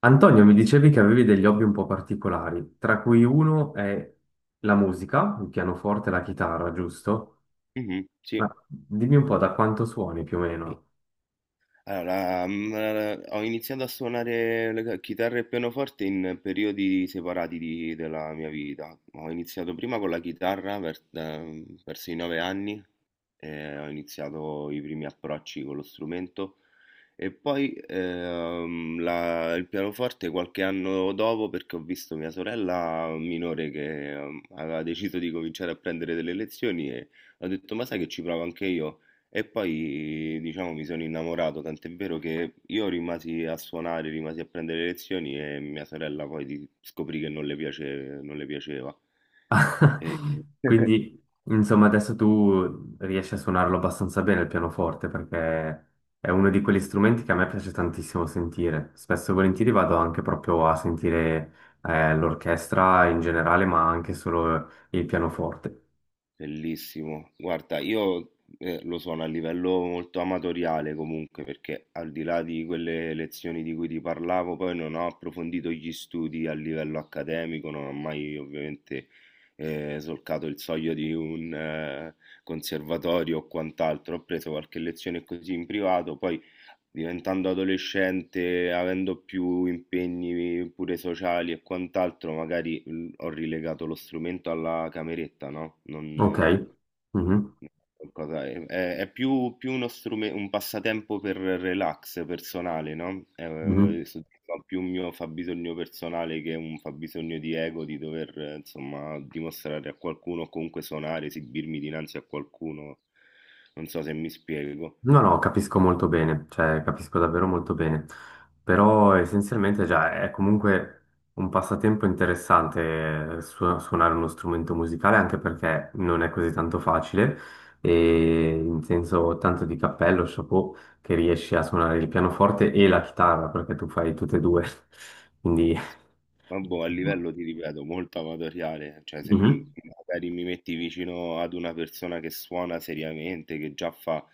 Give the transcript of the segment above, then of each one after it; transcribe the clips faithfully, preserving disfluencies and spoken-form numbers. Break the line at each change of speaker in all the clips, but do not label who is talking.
Antonio, mi dicevi che avevi degli hobby un po' particolari, tra cui uno è la musica, il pianoforte e la chitarra, giusto?
Mh-mh,
Ma
sì.
dimmi un po' da quanto suoni più o meno.
Allora, la mhmm, ehm, ho iniziato a suonare la c chitarra e pianoforte in periodi separati di della mia vita. Ho iniziato prima con la chitarra per da mhmm, verso i nove anni e ho iniziato i primi approcci con lo strumento. E poi ehm, la- il pianoforte qualche anno dopo perché ho visto mia sorella minore che ehm, aveva deciso di cominciare a prendere delle lezioni e ho detto, ma sai che ci provo anche io. E poi diciamo mi sono innamorato, tant'è vero che io rimasi a suonare, rimasi a prendere lezioni e mia sorella poi di- scoprì che non le piace- non le piaceva. E-
Quindi, insomma, adesso tu riesci a suonarlo abbastanza bene il pianoforte, perché è uno di quegli strumenti che a me piace tantissimo sentire. Spesso e volentieri vado anche proprio a sentire eh, l'orchestra in generale, ma anche solo il pianoforte.
Bellissimo. Guarda, io eh, lo sono a livello molto amatoriale comunque, perché al di là di quelle lezioni di cui ti parlavo, poi non ho approfondito gli studi a livello accademico, non ho mai ovviamente eh, solcato il soglio di un eh, conservatorio o quant'altro. Ho preso qualche lezione così in privato, poi diventando adolescente, avendo più impegni pure sociali e quant'altro, magari l- ho rilegato lo strumento alla cameretta, no? Non,
Ok.
eh,
Mhm.
qualcosa- è, è- è più, più uno strume- un passatempo per relax personale, no?
Mhm.
Eh, soddisfa più un mio fabbisogno personale che un fabbisogno di ego, di dover, eh, insomma, dimostrare a qualcuno o comunque suonare, esibirmi dinanzi a qualcuno. Non so se mi spiego.
No, no, capisco molto bene, cioè capisco davvero molto bene, però essenzialmente già è comunque un passatempo interessante eh, su- suonare uno strumento musicale, anche perché non è così tanto facile e in senso tanto di cappello, chapeau, che riesci a suonare il pianoforte e la chitarra, perché tu fai tutte e due, quindi...
Ma boh, a livello ti ripeto, molto amatoriale, cioè se mi- magari mi metti vicino ad una persona che suona seriamente, che già fa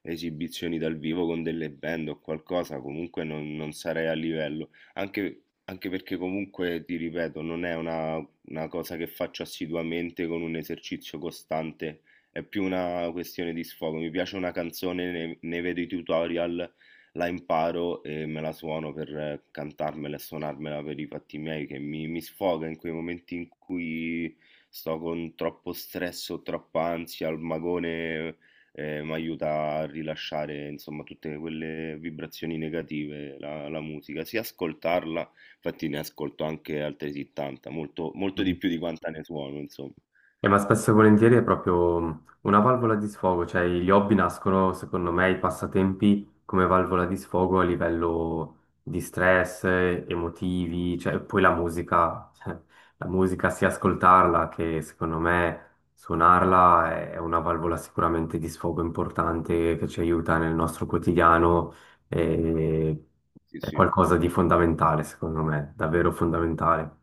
esibizioni dal vivo con delle band o qualcosa, comunque non, non sarei a livello. Anche, anche perché comunque, ti ripeto, non è una, una cosa che faccio assiduamente con un esercizio costante, è più una questione di sfogo. Mi piace una canzone, ne, ne vedo i tutorial, la imparo e me la suono per eh, cantarmela e suonarmela per i fatti miei, che mi, mi sfoga in quei momenti in cui sto con troppo stress o troppa ansia, il magone eh, mi aiuta a rilasciare insomma tutte quelle vibrazioni negative, la, la musica, sia ascoltarla, infatti ne ascolto anche altri settanta, molto, molto
Mhm.
di più di quanta ne suono, insomma.
Eh, ma spesso e volentieri è proprio mm, una valvola di sfogo, cioè gli hobby nascono, secondo me, i passatempi come valvola di sfogo a livello di stress, eh, emotivi, cioè poi la musica, cioè, la musica sia ascoltarla che secondo me suonarla è una valvola sicuramente di sfogo importante che ci aiuta nel nostro quotidiano e
Sì,
è
sì.
qualcosa di fondamentale, secondo me, davvero fondamentale.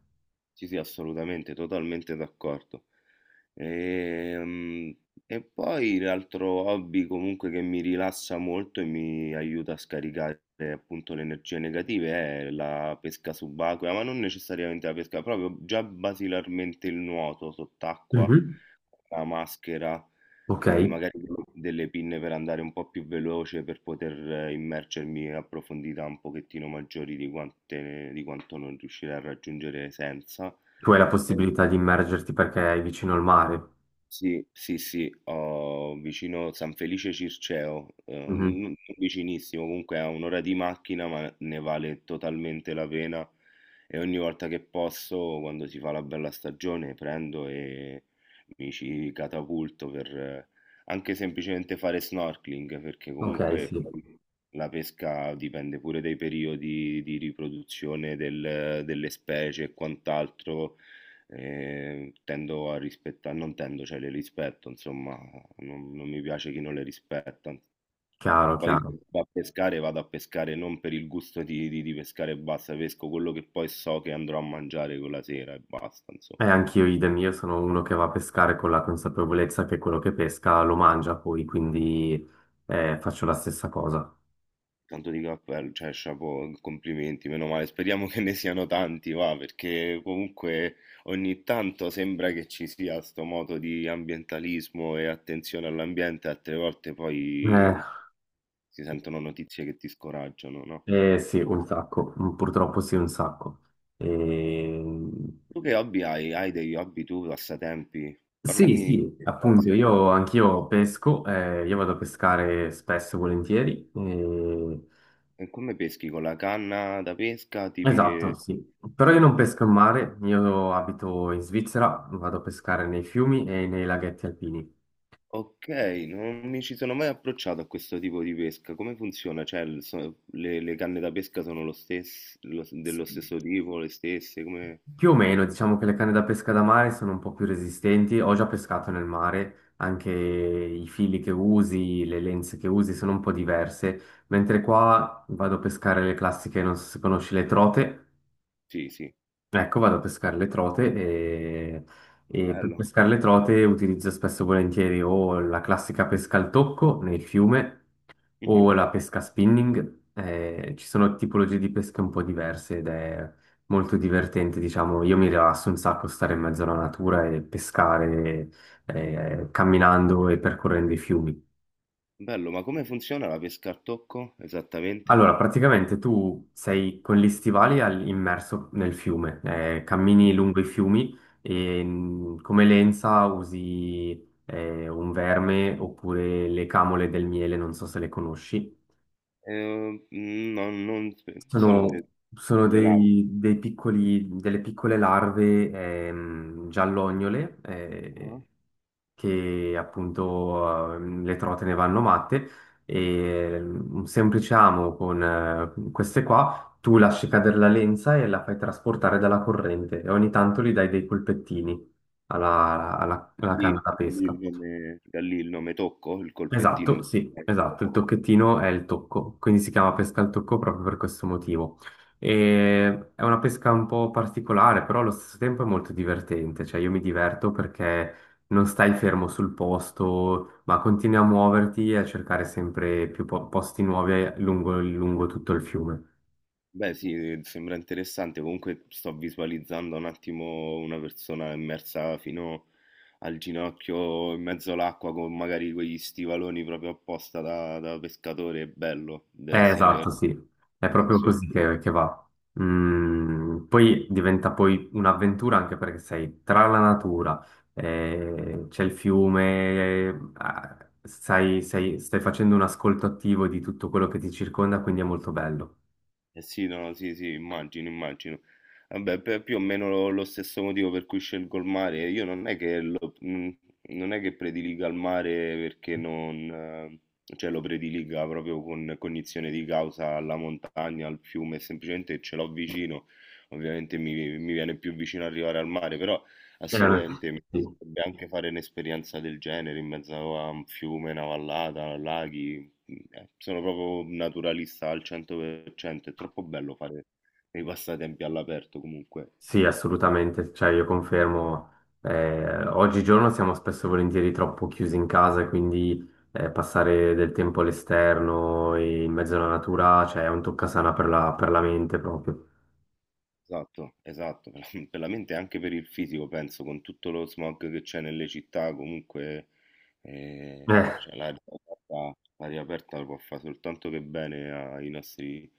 Sì, sì, assolutamente, totalmente d'accordo. Ehm, E poi l'altro hobby comunque che mi rilassa molto e mi aiuta a scaricare appunto le energie negative è la pesca subacquea, ma non necessariamente la pesca, proprio già basilarmente il nuoto sott'acqua,
Mhm.
la maschera
Ok.
e magari delle delle pinne per andare un po' più veloce per poter eh, immergermi a profondità un pochettino maggiori di quante- di quanto non riuscirei a raggiungere senza.
Tu hai la
E-
possibilità di immergerti perché è vicino al mare.
sì, sì, sì, ho vicino San Felice Circeo, eh, n-
Mhm.
non vicinissimo, comunque a un'ora di macchina, ma ne vale totalmente la pena e ogni volta che posso, quando si fa la bella stagione, prendo e mi ci catapulto per eh, anche semplicemente fare snorkeling, perché
Ok,
comunque
sì,
la pesca dipende pure dai periodi di riproduzione del- delle specie e quant'altro. E tendo a rispettare, non tendo, cioè le rispetto, insomma, non, non mi piace chi non le rispetta.
chiaro,
Poi
chiaro.
vado a pescare, vado a pescare non per il gusto di, di- di pescare e basta, pesco quello che poi so che andrò a mangiare quella sera e basta, insomma.
E anch'io, idem, io sono uno che va a pescare con la consapevolezza che quello che pesca lo mangia poi, quindi eh, faccio la stessa cosa.
Tanto di cappello, cioè, chapeau, complimenti, meno male, speriamo che ne siano tanti, va, perché comunque ogni tanto sembra che ci sia sto moto di ambientalismo e attenzione all'ambiente, altre volte
Eh,
poi si sentono notizie che ti scoraggiano, no?
eh, sì, un sacco. Mm, purtroppo sì, un sacco. Ehm,
Tu che hobby hai? Hai degli hobby tu, passatempi?
Sì,
Parlami di
sì,
che fai.
appunto,
Se ti-
io anch'io pesco, eh, io vado a pescare spesso e volentieri. eh,
E come peschi? Con la canna da pesca? Tipi
Esatto,
di.
sì. Però io non
che-
pesco in mare, io abito in Svizzera, vado a pescare nei fiumi e nei laghetti alpini.
Ok, non mi ci sono mai approcciato a questo tipo di pesca. Come funziona? Cioè, il- so- le, le canne da pesca sono lo stes- lo-
S-
dello stesso tipo, le stesse? Come.
più o meno, diciamo che le canne da pesca da mare sono un po' più resistenti. Ho già pescato nel mare, anche i fili che usi, le lenze che usi sono un po' diverse. Mentre qua vado a pescare le classiche, non so se conosci le trote.
Sì, sì,
Ecco, vado a pescare le trote e... e per
bello.
pescare le trote utilizzo spesso e volentieri o la classica pesca al tocco nel fiume
Mhm.
o la pesca spinning. Eh, ci sono tipologie di pesche un po' diverse ed è molto divertente, diciamo. Io mi rilasso un sacco stare in mezzo alla natura e pescare eh, camminando e percorrendo i fiumi.
Bello, ma come funziona la pesca al tocco esattamente?
Allora, praticamente tu sei con gli stivali al- immerso nel fiume, eh, cammini lungo i fiumi e mh, come lenza usi eh, un verme oppure le camole del miele, non so se le conosci.
Eh, non, non- sono de-
Sono, sono
delle labbra.
dei, dei piccoli, delle piccole larve ehm, giallognole,
Ah.
eh, che appunto ehm, le trote ne vanno matte, e un semplice amo con eh, queste qua, tu lasci cadere la lenza e la fai trasportare dalla corrente e ogni tanto gli dai dei colpettini alla, alla,
Da
alla
lì,
canna da
da lì
pesca.
il nome, da lì il nome Tocco, il colpettino
Esatto,
che
sì,
viene da
esatto, il
Tocco.
tocchettino è il tocco, quindi si chiama pesca al tocco proprio per questo motivo. E è una pesca un po' particolare, però allo stesso tempo è molto divertente, cioè io mi diverto perché non stai fermo sul posto, ma continui a muoverti e a cercare sempre più po- posti nuovi lungo, lungo tutto il fiume.
Beh, sì, sembra interessante. Comunque sto visualizzando un attimo una persona immersa fino al ginocchio in mezzo all'acqua con magari quegli stivaloni proprio apposta da, da pescatore. È bello, deve
Eh,
essere una
esatto, sì, è proprio
sensazione.
così che, che va. Mm, poi diventa poi un'avventura anche perché sei tra la natura, eh, c'è il fiume, eh, ah, sai- sei- stai facendo un ascolto attivo di tutto quello che ti circonda, quindi è molto bello.
Eh sì, no, sì, sì, immagino, immagino. Vabbè, per- più o meno lo, lo stesso motivo per cui scelgo il mare. Io non è che lo, mm, non è che prediliga il mare perché non, eh, cioè lo prediliga proprio con cognizione di causa alla montagna, al fiume, semplicemente ce l'ho vicino. Ovviamente mi, mi viene più vicino arrivare al mare, però
Eh, Veramente.
assolutamente mi
Sì.
piacerebbe anche fare un'esperienza del genere in mezzo a un fiume, una vallata, laghi. Eh, sono proprio un naturalista al cento per cento, è troppo bello fare dei passatempi all'aperto comunque.
Sì, assolutamente, cioè io confermo, eh, oggigiorno siamo spesso e volentieri troppo chiusi in casa, e quindi eh, passare del tempo all'esterno e in mezzo alla natura, cioè è un toccasana per la, per la mente proprio.
Esatto, esatto, per la per la mente e anche per il fisico, penso, con tutto lo smog che c'è nelle città, comunque eh, cioè, l'aria aperta, l'aria aperta può fare soltanto che bene ai nostri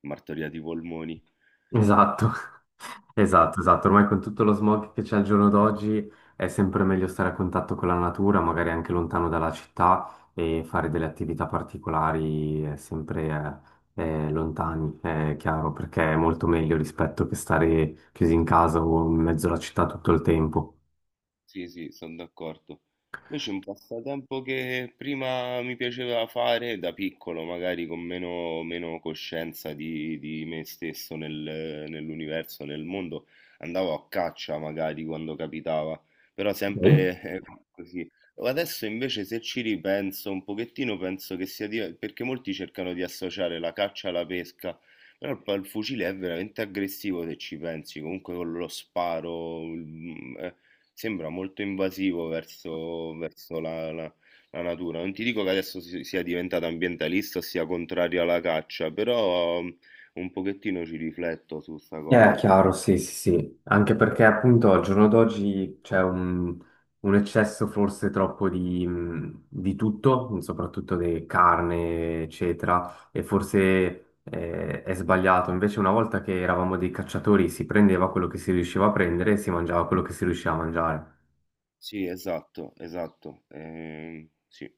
martoriati polmoni.
Esatto, esatto, esatto. Ormai con tutto lo smog che c'è al giorno d'oggi è sempre meglio stare a contatto con la natura, magari anche lontano dalla città e fare delle attività particolari, eh, sempre, eh, eh, lontani, è chiaro, perché è molto meglio rispetto che stare chiusi in casa o in mezzo alla città tutto il tempo.
Sì, sì, sono d'accordo. Invece un passatempo che prima mi piaceva fare da piccolo, magari con meno, meno coscienza di, di me stesso nel- nell'universo, nel mondo, andavo a caccia magari quando capitava, però sempre eh, così. Adesso invece se ci ripenso un pochettino penso che sia di- perché molti cercano di associare la caccia alla pesca, però il, pa- il fucile è veramente aggressivo se ci pensi, comunque con lo sparo. il- mm, eh, Sembra molto invasivo verso verso la la la natura. Non ti dico che adesso si sia diventato ambientalista o sia contrario alla caccia, però mm, un pochettino ci rifletto su 'sta
Eh,
cosa.
chiaro, sì, sì, sì, anche perché appunto al giorno d'oggi c'è un, un eccesso forse troppo di, mh, di tutto, mhmm, soprattutto di carne, eccetera, e forse eh, è sbagliato. Invece una volta che eravamo dei cacciatori si prendeva quello che si riusciva a prendere e si mangiava quello che si riusciva a mangiare.
Sì, esatto, esatto. Ehm, sì.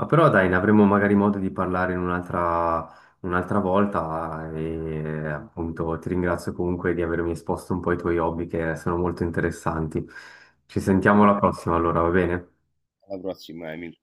Ma però dai, ne avremo magari modo di parlare in un'altra un'altra volta e appunto ti ringrazio comunque di avermi esposto un po' i tuoi hobby che sono molto interessanti. Ci sentiamo alla prossima allora, va bene?
Alla prossima, Emil.